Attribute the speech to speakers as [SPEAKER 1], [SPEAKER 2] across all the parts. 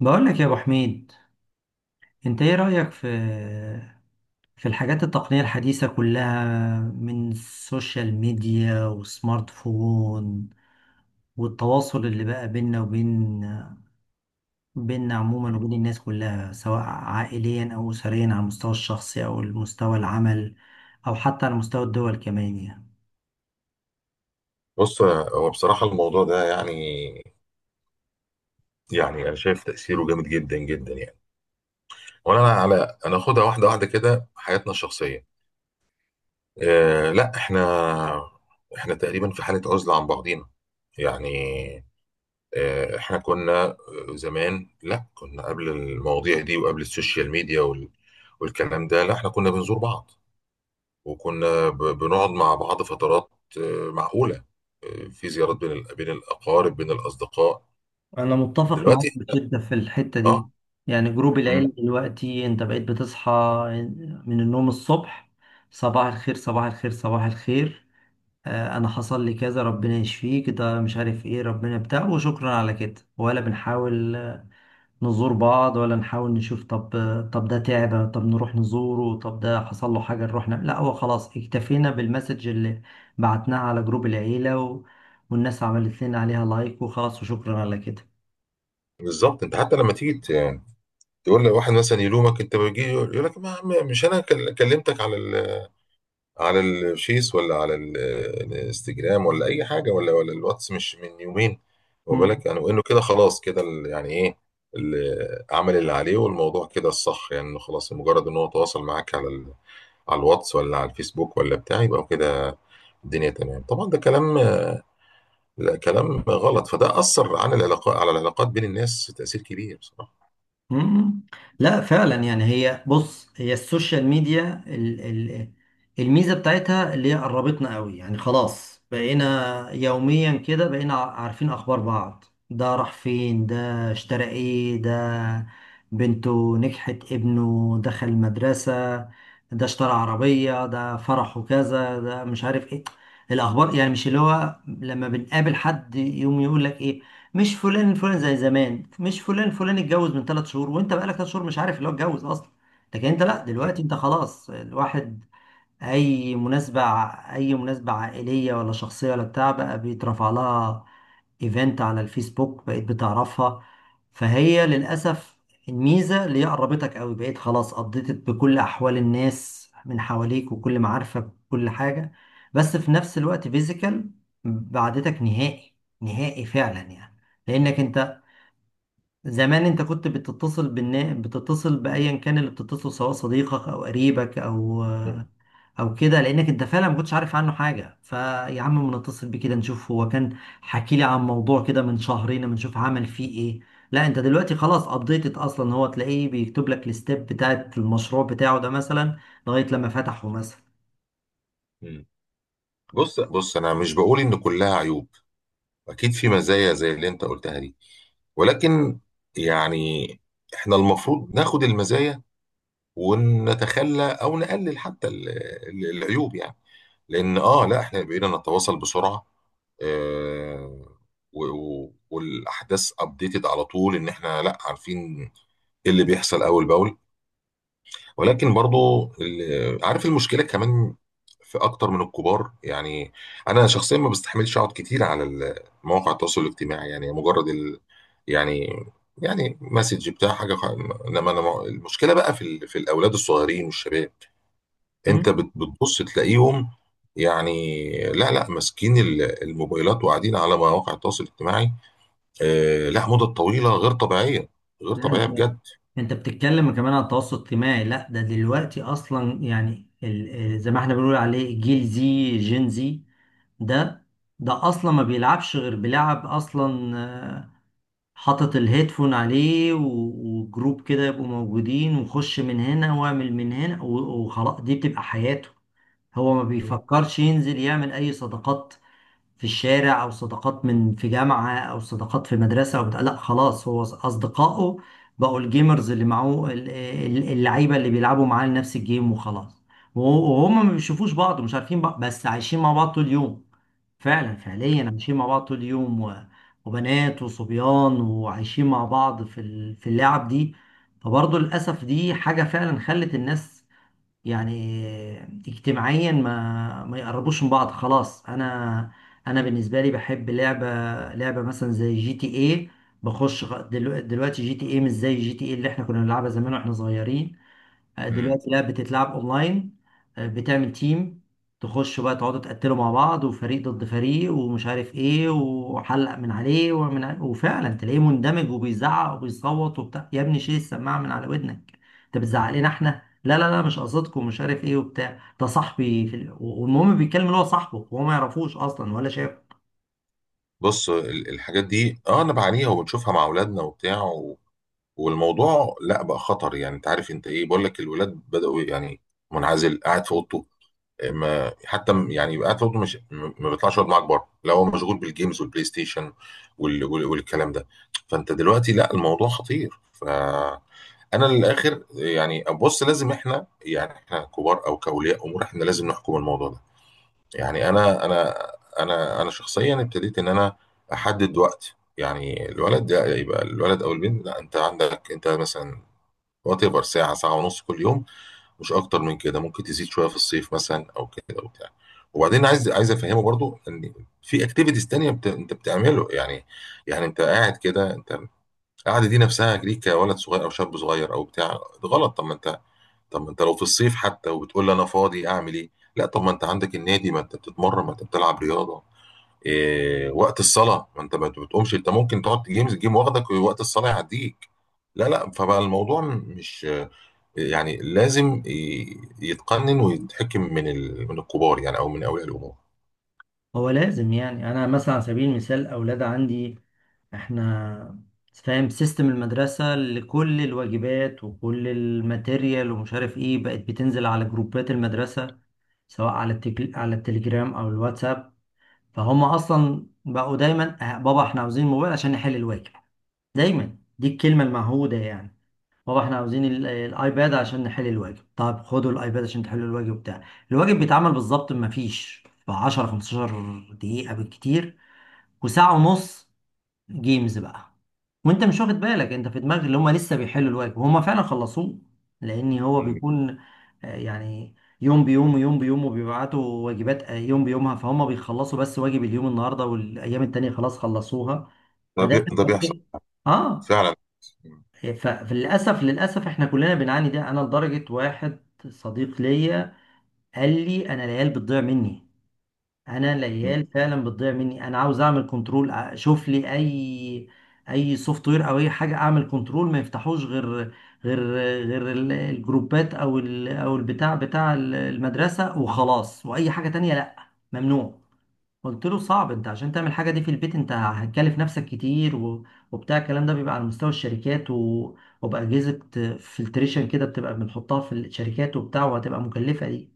[SPEAKER 1] بقول لك يا ابو حميد، انت ايه رايك في الحاجات التقنيه الحديثه كلها؟ من السوشيال ميديا والسمارت فون والتواصل اللي بقى بيننا عموما وبين الناس كلها، سواء عائليا او اسريا، على المستوى الشخصي او المستوى العمل، او حتى على مستوى الدول كمان يعني.
[SPEAKER 2] بص، هو بصراحة الموضوع ده يعني أنا شايف تأثيره جامد جدا جدا يعني. وأنا على، أنا أخدها واحدة واحدة كده. حياتنا الشخصية، لا، إحنا تقريبا في حالة عزلة عن بعضينا، يعني. إحنا كنا، زمان، لا، كنا قبل المواضيع دي وقبل السوشيال ميديا والكلام ده. لا، إحنا كنا بنزور بعض، وكنا بنقعد مع بعض فترات. آه، معقولة. آه، في زيارات بين بين الأقارب، بين الأصدقاء.
[SPEAKER 1] أنا متفق معاك
[SPEAKER 2] دلوقتي.
[SPEAKER 1] بشدة في الحتة
[SPEAKER 2] اه.
[SPEAKER 1] دي. يعني جروب العيلة
[SPEAKER 2] مم.
[SPEAKER 1] دلوقتي، أنت بقيت بتصحى من النوم الصبح، صباح الخير صباح الخير صباح الخير. أنا حصل لي كذا، ربنا يشفيك، ده مش عارف إيه، ربنا بتاع وشكرا على كده. ولا بنحاول نزور بعض، ولا نحاول نشوف، طب طب ده تعب، طب نروح نزوره، طب ده حصل له حاجة نروح نعمل، لا هو خلاص اكتفينا بالمسج اللي بعتناه على جروب العيلة و... والناس عملت لنا عليها لايك وخلاص وشكرا على كده.
[SPEAKER 2] بالظبط، انت حتى لما تيجي تقول لواحد مثلا يلومك، انت بيجي يقول لك: ما مش انا كلمتك على على الفيس، ولا على الانستجرام، ولا اي حاجه، ولا الواتس، مش من يومين. واخد بالك يعني، وانه كده خلاص كده يعني ايه، عمل اللي عليه، والموضوع كده الصح، يعني انه خلاص مجرد ان هو تواصل معاك على على الواتس، ولا على الفيسبوك، ولا بتاع، يبقى كده الدنيا تمام. طبعا ده كلام، لا، كلام غلط. فده اثر على العلاقات، على العلاقات بين الناس تاثير كبير بصراحه.
[SPEAKER 1] مم. لا فعلا يعني، هي بص هي السوشيال ميديا ال ال الميزة بتاعتها اللي هي قربتنا قوي، يعني خلاص بقينا يوميا كده، بقينا عارفين أخبار بعض. ده راح فين، ده اشترى ايه، ده بنته نجحت، ابنه دخل مدرسة، ده اشترى عربية، ده فرحه كذا، ده مش عارف ايه الأخبار يعني. مش اللي هو لما بنقابل حد يوم يقول لك ايه، مش فلان فلان زي زمان، مش فلان فلان اتجوز من ثلاث شهور وانت بقالك ثلاث شهور مش عارف اللي هو اتجوز اصلا. لكن انت لا، دلوقتي انت خلاص، الواحد اي مناسبة، اي مناسبة عائلية ولا شخصية ولا بتاع، بقى بيترفع لها ايفنت على الفيسبوك بقيت بتعرفها. فهي للأسف الميزة اللي هي قربتك قوي، بقيت خلاص قضيت بكل أحوال الناس من حواليك وكل معارفك وكل حاجة، بس في نفس الوقت فيزيكال بعدتك نهائي، نهائي فعلا يعني. لأنك أنت زمان، انت كنت بتتصل بايا كان اللي بتتصل، سواء صديقك او قريبك او
[SPEAKER 2] مم.
[SPEAKER 1] او كده، لانك انت فعلا ما كنتش عارف عنه حاجه، فيا عم ما نتصل بيه كده نشوف، هو كان حكي لي عن موضوع كده من شهرين، ما نشوف عمل فيه ايه. لا انت دلوقتي خلاص ابديتد اصلا، هو تلاقيه بيكتب لك الستيب بتاعت المشروع بتاعه ده مثلا، لغايه لما فتحه مثلا.
[SPEAKER 2] مم. بص بص، انا مش بقول ان كلها عيوب، اكيد في مزايا زي اللي انت قلتها دي، ولكن يعني احنا المفروض ناخد المزايا ونتخلى او نقلل حتى العيوب يعني. لان لا، احنا بقينا نتواصل بسرعة، آه، و- والاحداث ابديتد على طول، ان احنا لا عارفين ايه اللي بيحصل اول باول. ولكن برضو عارف المشكله كمان في اكتر من الكبار يعني. انا شخصيا ما بستحملش اقعد كتير على مواقع التواصل الاجتماعي، يعني مجرد يعني، يعني مسج بتاع حاجه انما انا، المشكله بقى في في الاولاد الصغيرين والشباب.
[SPEAKER 1] مم؟
[SPEAKER 2] انت بتبص تلاقيهم، يعني لا لا ماسكين الموبايلات وقاعدين على مواقع التواصل الاجتماعي. لا، مدة طويلة غير طبيعية، غير طبيعية
[SPEAKER 1] لا،
[SPEAKER 2] بجد.
[SPEAKER 1] انت بتتكلم كمان عن التواصل الاجتماعي. لا ده دلوقتي اصلا، يعني زي ما احنا بنقول عليه جيل زي جين زي. ده ده اصلا ما بيلعبش غير بيلعب اصلا. حاطط الهيدفون عليه و- وجروب كده يبقوا موجودين، وخش من هنا واعمل من هنا و- وخلاص، دي بتبقى حياته. هو ما بيفكرش ينزل يعمل اي صداقات في الشارع، او صداقات من في جامعه، او صداقات في مدرسه او بتاع. لا خلاص، هو اصدقائه بقوا الجيمرز اللي معاه، اللعيبه اللي بيلعبوا معاه نفس الجيم وخلاص. وه- وهم ما بيشوفوش بعض ومش عارفين بعض، بس عايشين مع بعض طول اليوم، فعلا فعليا عايشين مع بعض طول اليوم و... وبنات وصبيان وعايشين مع بعض في ال... في اللعب دي. فبرضه للأسف دي حاجة فعلا خلت الناس يعني اجتماعيا ما يقربوش من بعض خلاص. انا انا بالنسبه لي بحب لعبه، لعبه مثلا زي جي تي اي. بخش دلوقتي جي تي اي مش زي جي تي اي اللي احنا كنا بنلعبها زمان واحنا صغيرين.
[SPEAKER 2] مم.
[SPEAKER 1] دلوقتي لا بتتلعب اونلاين. بتعمل تيم، تخشوا بقى تقعدوا تقتلوا مع بعض، وفريق ضد فريق ومش عارف ايه، وحلق من عليه وفعلا تلاقيه مندمج وبيزعق وبيصوت وبتاع. يا ابني شيل السماعه من على ودنك، انت بتزعق لنا احنا؟ لا لا لا مش قصدكم مش عارف ايه وبتاع، ده صاحبي في ال... والمهم، بيتكلم اللي هو صاحبه وهو ما يعرفوش اصلا ولا شايف.
[SPEAKER 2] بص الحاجات دي، انا بعانيها وبنشوفها مع اولادنا وبتاع والموضوع لا بقى خطر، يعني انت عارف انت ايه، بقول لك الولاد بدأوا يعني منعزل قاعد في اوضته. ما حتى يعني يبقى قاعد في اوضته، مش ما بيطلعش يقعد معاك بره، لو هو مشغول بالجيمز والبلاي ستيشن والكلام ده. فانت دلوقتي، لا، الموضوع خطير فانا للاخر يعني. بص لازم احنا، يعني احنا كبار او كاولياء امور احنا لازم نحكم الموضوع ده، يعني انا شخصيا ابتديت ان انا احدد وقت، يعني الولد ده يبقى الولد او البنت، لا، انت عندك انت مثلا وات ايفر ساعه، ساعه ونص كل يوم، مش اكتر من كده. ممكن تزيد شويه في الصيف مثلا او كده وبتاع. وبعدين عايز افهمه برضو ان في اكتيفيتيز تانية انت بتعمله، يعني. يعني انت قاعد كده، انت القعده دي نفسها ليك كولد صغير او شاب صغير او بتاع، غلط. طب ما انت لو في الصيف حتى، وبتقول لي: انا فاضي اعمل ايه. لا، طب ما انت عندك النادي، ما انت بتتمرن، ما انت بتلعب رياضه. إيه وقت الصلاه؟ ما انت ما بتقومش، انت ممكن تقعد جيمز الجيم واخدك ووقت الصلاه يعديك. لا لا، فبقى الموضوع مش يعني، لازم يتقنن ويتحكم من من الكبار يعني، او من اولياء الامور.
[SPEAKER 1] هو لازم، يعني انا مثلا على سبيل المثال اولاد عندي، احنا فاهم سيستم المدرسة لكل الواجبات وكل الماتيريال ومش عارف ايه، بقت بتنزل على جروبات المدرسة، سواء على على التليجرام او الواتساب. فهم اصلا بقوا دايما بابا احنا عاوزين موبايل عشان نحل الواجب"، دايما دي الكلمة المعهودة يعني. بابا احنا عاوزين الايباد عشان نحل الواجب، طب خدوا الايباد عشان تحلوا الواجب بتاع. الواجب بيتعمل بالظبط، ما فيش ب 10 15 دقيقة بالكتير، وساعة ونص جيمز بقى، وانت مش واخد بالك، انت في دماغك اللي هم لسه بيحلوا الواجب وهم فعلا خلصوه. لان هو
[SPEAKER 2] مم.
[SPEAKER 1] بيكون يعني يوم بيوم ويوم بيوم، وبيبعتوا واجبات يوم بيومها، فهم بيخلصوا بس واجب اليوم النهارده، والايام التانية خلاص خلصوها. فده
[SPEAKER 2] ده بيحصل
[SPEAKER 1] اه.
[SPEAKER 2] فعلا. مم.
[SPEAKER 1] فللاسف للاسف احنا كلنا بنعاني ده، انا لدرجه واحد صديق ليا قال لي انا العيال بتضيع مني، انا
[SPEAKER 2] مم.
[SPEAKER 1] العيال فعلا بتضيع مني، انا عاوز اعمل كنترول، اشوف لي اي اي سوفت وير او اي حاجه اعمل كنترول، ما يفتحوش غير غير غير الجروبات او او البتاع بتاع المدرسه وخلاص، واي حاجه تانية لا ممنوع. قلت له صعب انت عشان تعمل حاجه دي في البيت، انت هتكلف نفسك كتير و... وبتاع، الكلام ده بيبقى على مستوى الشركات و... وبأجهزة فلتريشن كده، بتبقى بنحطها في الشركات وبتاع، وهتبقى مكلفة دي.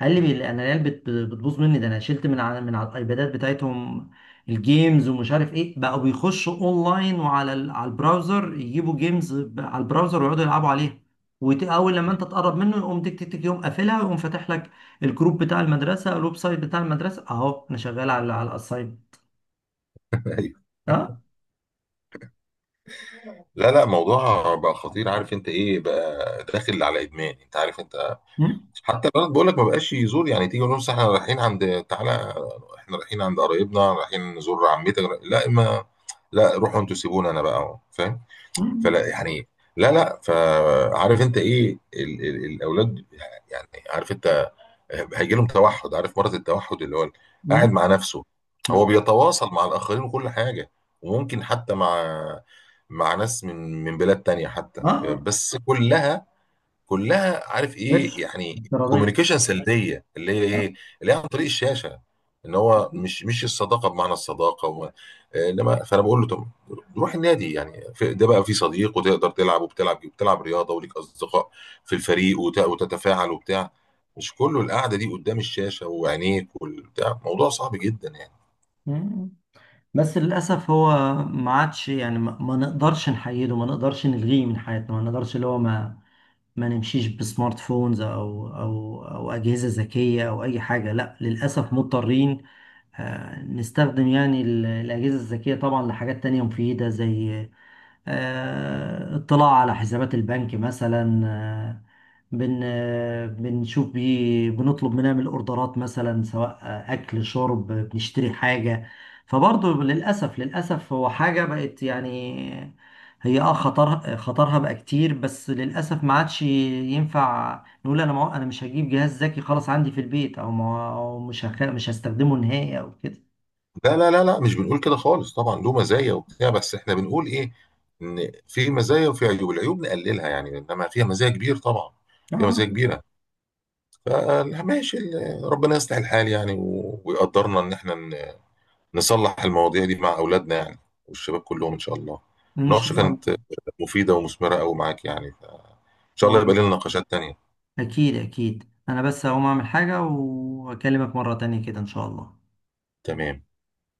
[SPEAKER 1] قال لي انا العيال بتبوظ مني، ده انا شلت من على من على الايبادات بتاعتهم الجيمز ومش عارف ايه، بقوا بيخشوا اونلاين وعلى على البراوزر يجيبوا جيمز ب- على البراوزر ويقعدوا يلعبوا عليها. واول لما
[SPEAKER 2] مم.
[SPEAKER 1] انت تقرب منه يقوم تك تك تك، يقوم قافلها ويقوم فاتح لك الجروب بتاع المدرسه، الويب سايت بتاع المدرسه، اهو انا شغال على على الاساين.
[SPEAKER 2] ايوه.
[SPEAKER 1] اه.
[SPEAKER 2] لا لا، موضوع بقى خطير، عارف انت ايه؟ بقى داخل على ادمان انت، عارف انت.
[SPEAKER 1] مم.
[SPEAKER 2] حتى الولد بقول لك ما بقاش يزور، يعني تيجي نقول لهم احنا رايحين عند، تعالى احنا رايحين عند قرايبنا، رايحين نزور عمتك. لا، ما لا، روحوا انتوا سيبونا انا بقى فاهم.
[SPEAKER 1] مم.
[SPEAKER 2] فلا يعني، لا لا، فعارف انت ايه ال الاولاد، يعني عارف انت، هيجي لهم توحد، عارف مرض التوحد اللي هو قاعد
[SPEAKER 1] مم.
[SPEAKER 2] مع نفسه. هو
[SPEAKER 1] بز-
[SPEAKER 2] بيتواصل مع الاخرين وكل حاجه، وممكن حتى مع ناس من بلاد تانية حتى،
[SPEAKER 1] اه.
[SPEAKER 2] بس كلها كلها عارف
[SPEAKER 1] قرش،
[SPEAKER 2] ايه، يعني
[SPEAKER 1] افتراضيه.
[SPEAKER 2] كوميونيكيشن سلبيه اللي هي
[SPEAKER 1] آه.
[SPEAKER 2] ايه، اللي هي عن طريق الشاشه. ان هو مش الصداقه بمعنى الصداقه وما، انما فانا بقول له: طب روح النادي يعني، ده بقى في صديق وتقدر تلعب، وبتلعب، بتلعب رياضه وليك اصدقاء في الفريق وتتفاعل وبتاع. مش كله القعده دي قدام الشاشه وعينيك والبتاع، موضوع صعب جدا يعني.
[SPEAKER 1] مم. بس للأسف هو ما عادش، يعني ما نقدرش نحيده، ما نقدرش نلغيه من حياتنا، ما نقدرش اللي هو ما ما نمشيش بسمارت فونز أو أجهزة ذكية أو أي حاجة. لا للأسف مضطرين نستخدم يعني الأجهزة الذكية طبعا لحاجات تانية مفيدة، زي اطلاع على حسابات البنك مثلا، آه، بن آه، بنشوف بيه، بنطلب، بنعمل اوردرات مثلا، سواء اكل شرب، بنشتري حاجة. فبرضه للأسف للأسف هو حاجة بقت يعني هي اه خطر، خطرها بقى كتير، بس للأسف ما عادش ينفع نقول انا ما انا مش هجيب جهاز ذكي خلاص عندي في البيت، او ما أو مش هستخدمه نهائي او كده.
[SPEAKER 2] لا لا لا لا، مش بنقول كده خالص، طبعا له مزايا وبتاع، بس احنا بنقول ايه، ان في مزايا وفي عيوب، العيوب نقللها يعني، انما فيها مزايا كبير طبعا، فيها مزايا
[SPEAKER 1] آه.
[SPEAKER 2] كبيره. فماشي، ربنا يصلح الحال يعني، ويقدرنا ان احنا نصلح المواضيع دي مع اولادنا يعني، والشباب كلهم ان شاء الله.
[SPEAKER 1] ان
[SPEAKER 2] المناقشه
[SPEAKER 1] شاء
[SPEAKER 2] كانت مفيده ومثمره قوي معاك، يعني فان شاء الله
[SPEAKER 1] الله.
[SPEAKER 2] يبقى لنا نقاشات تانيه.
[SPEAKER 1] اكيد اكيد، انا بس هقوم اعمل حاجة واكلمك مرة تانية كده ان شاء الله.
[SPEAKER 2] تمام.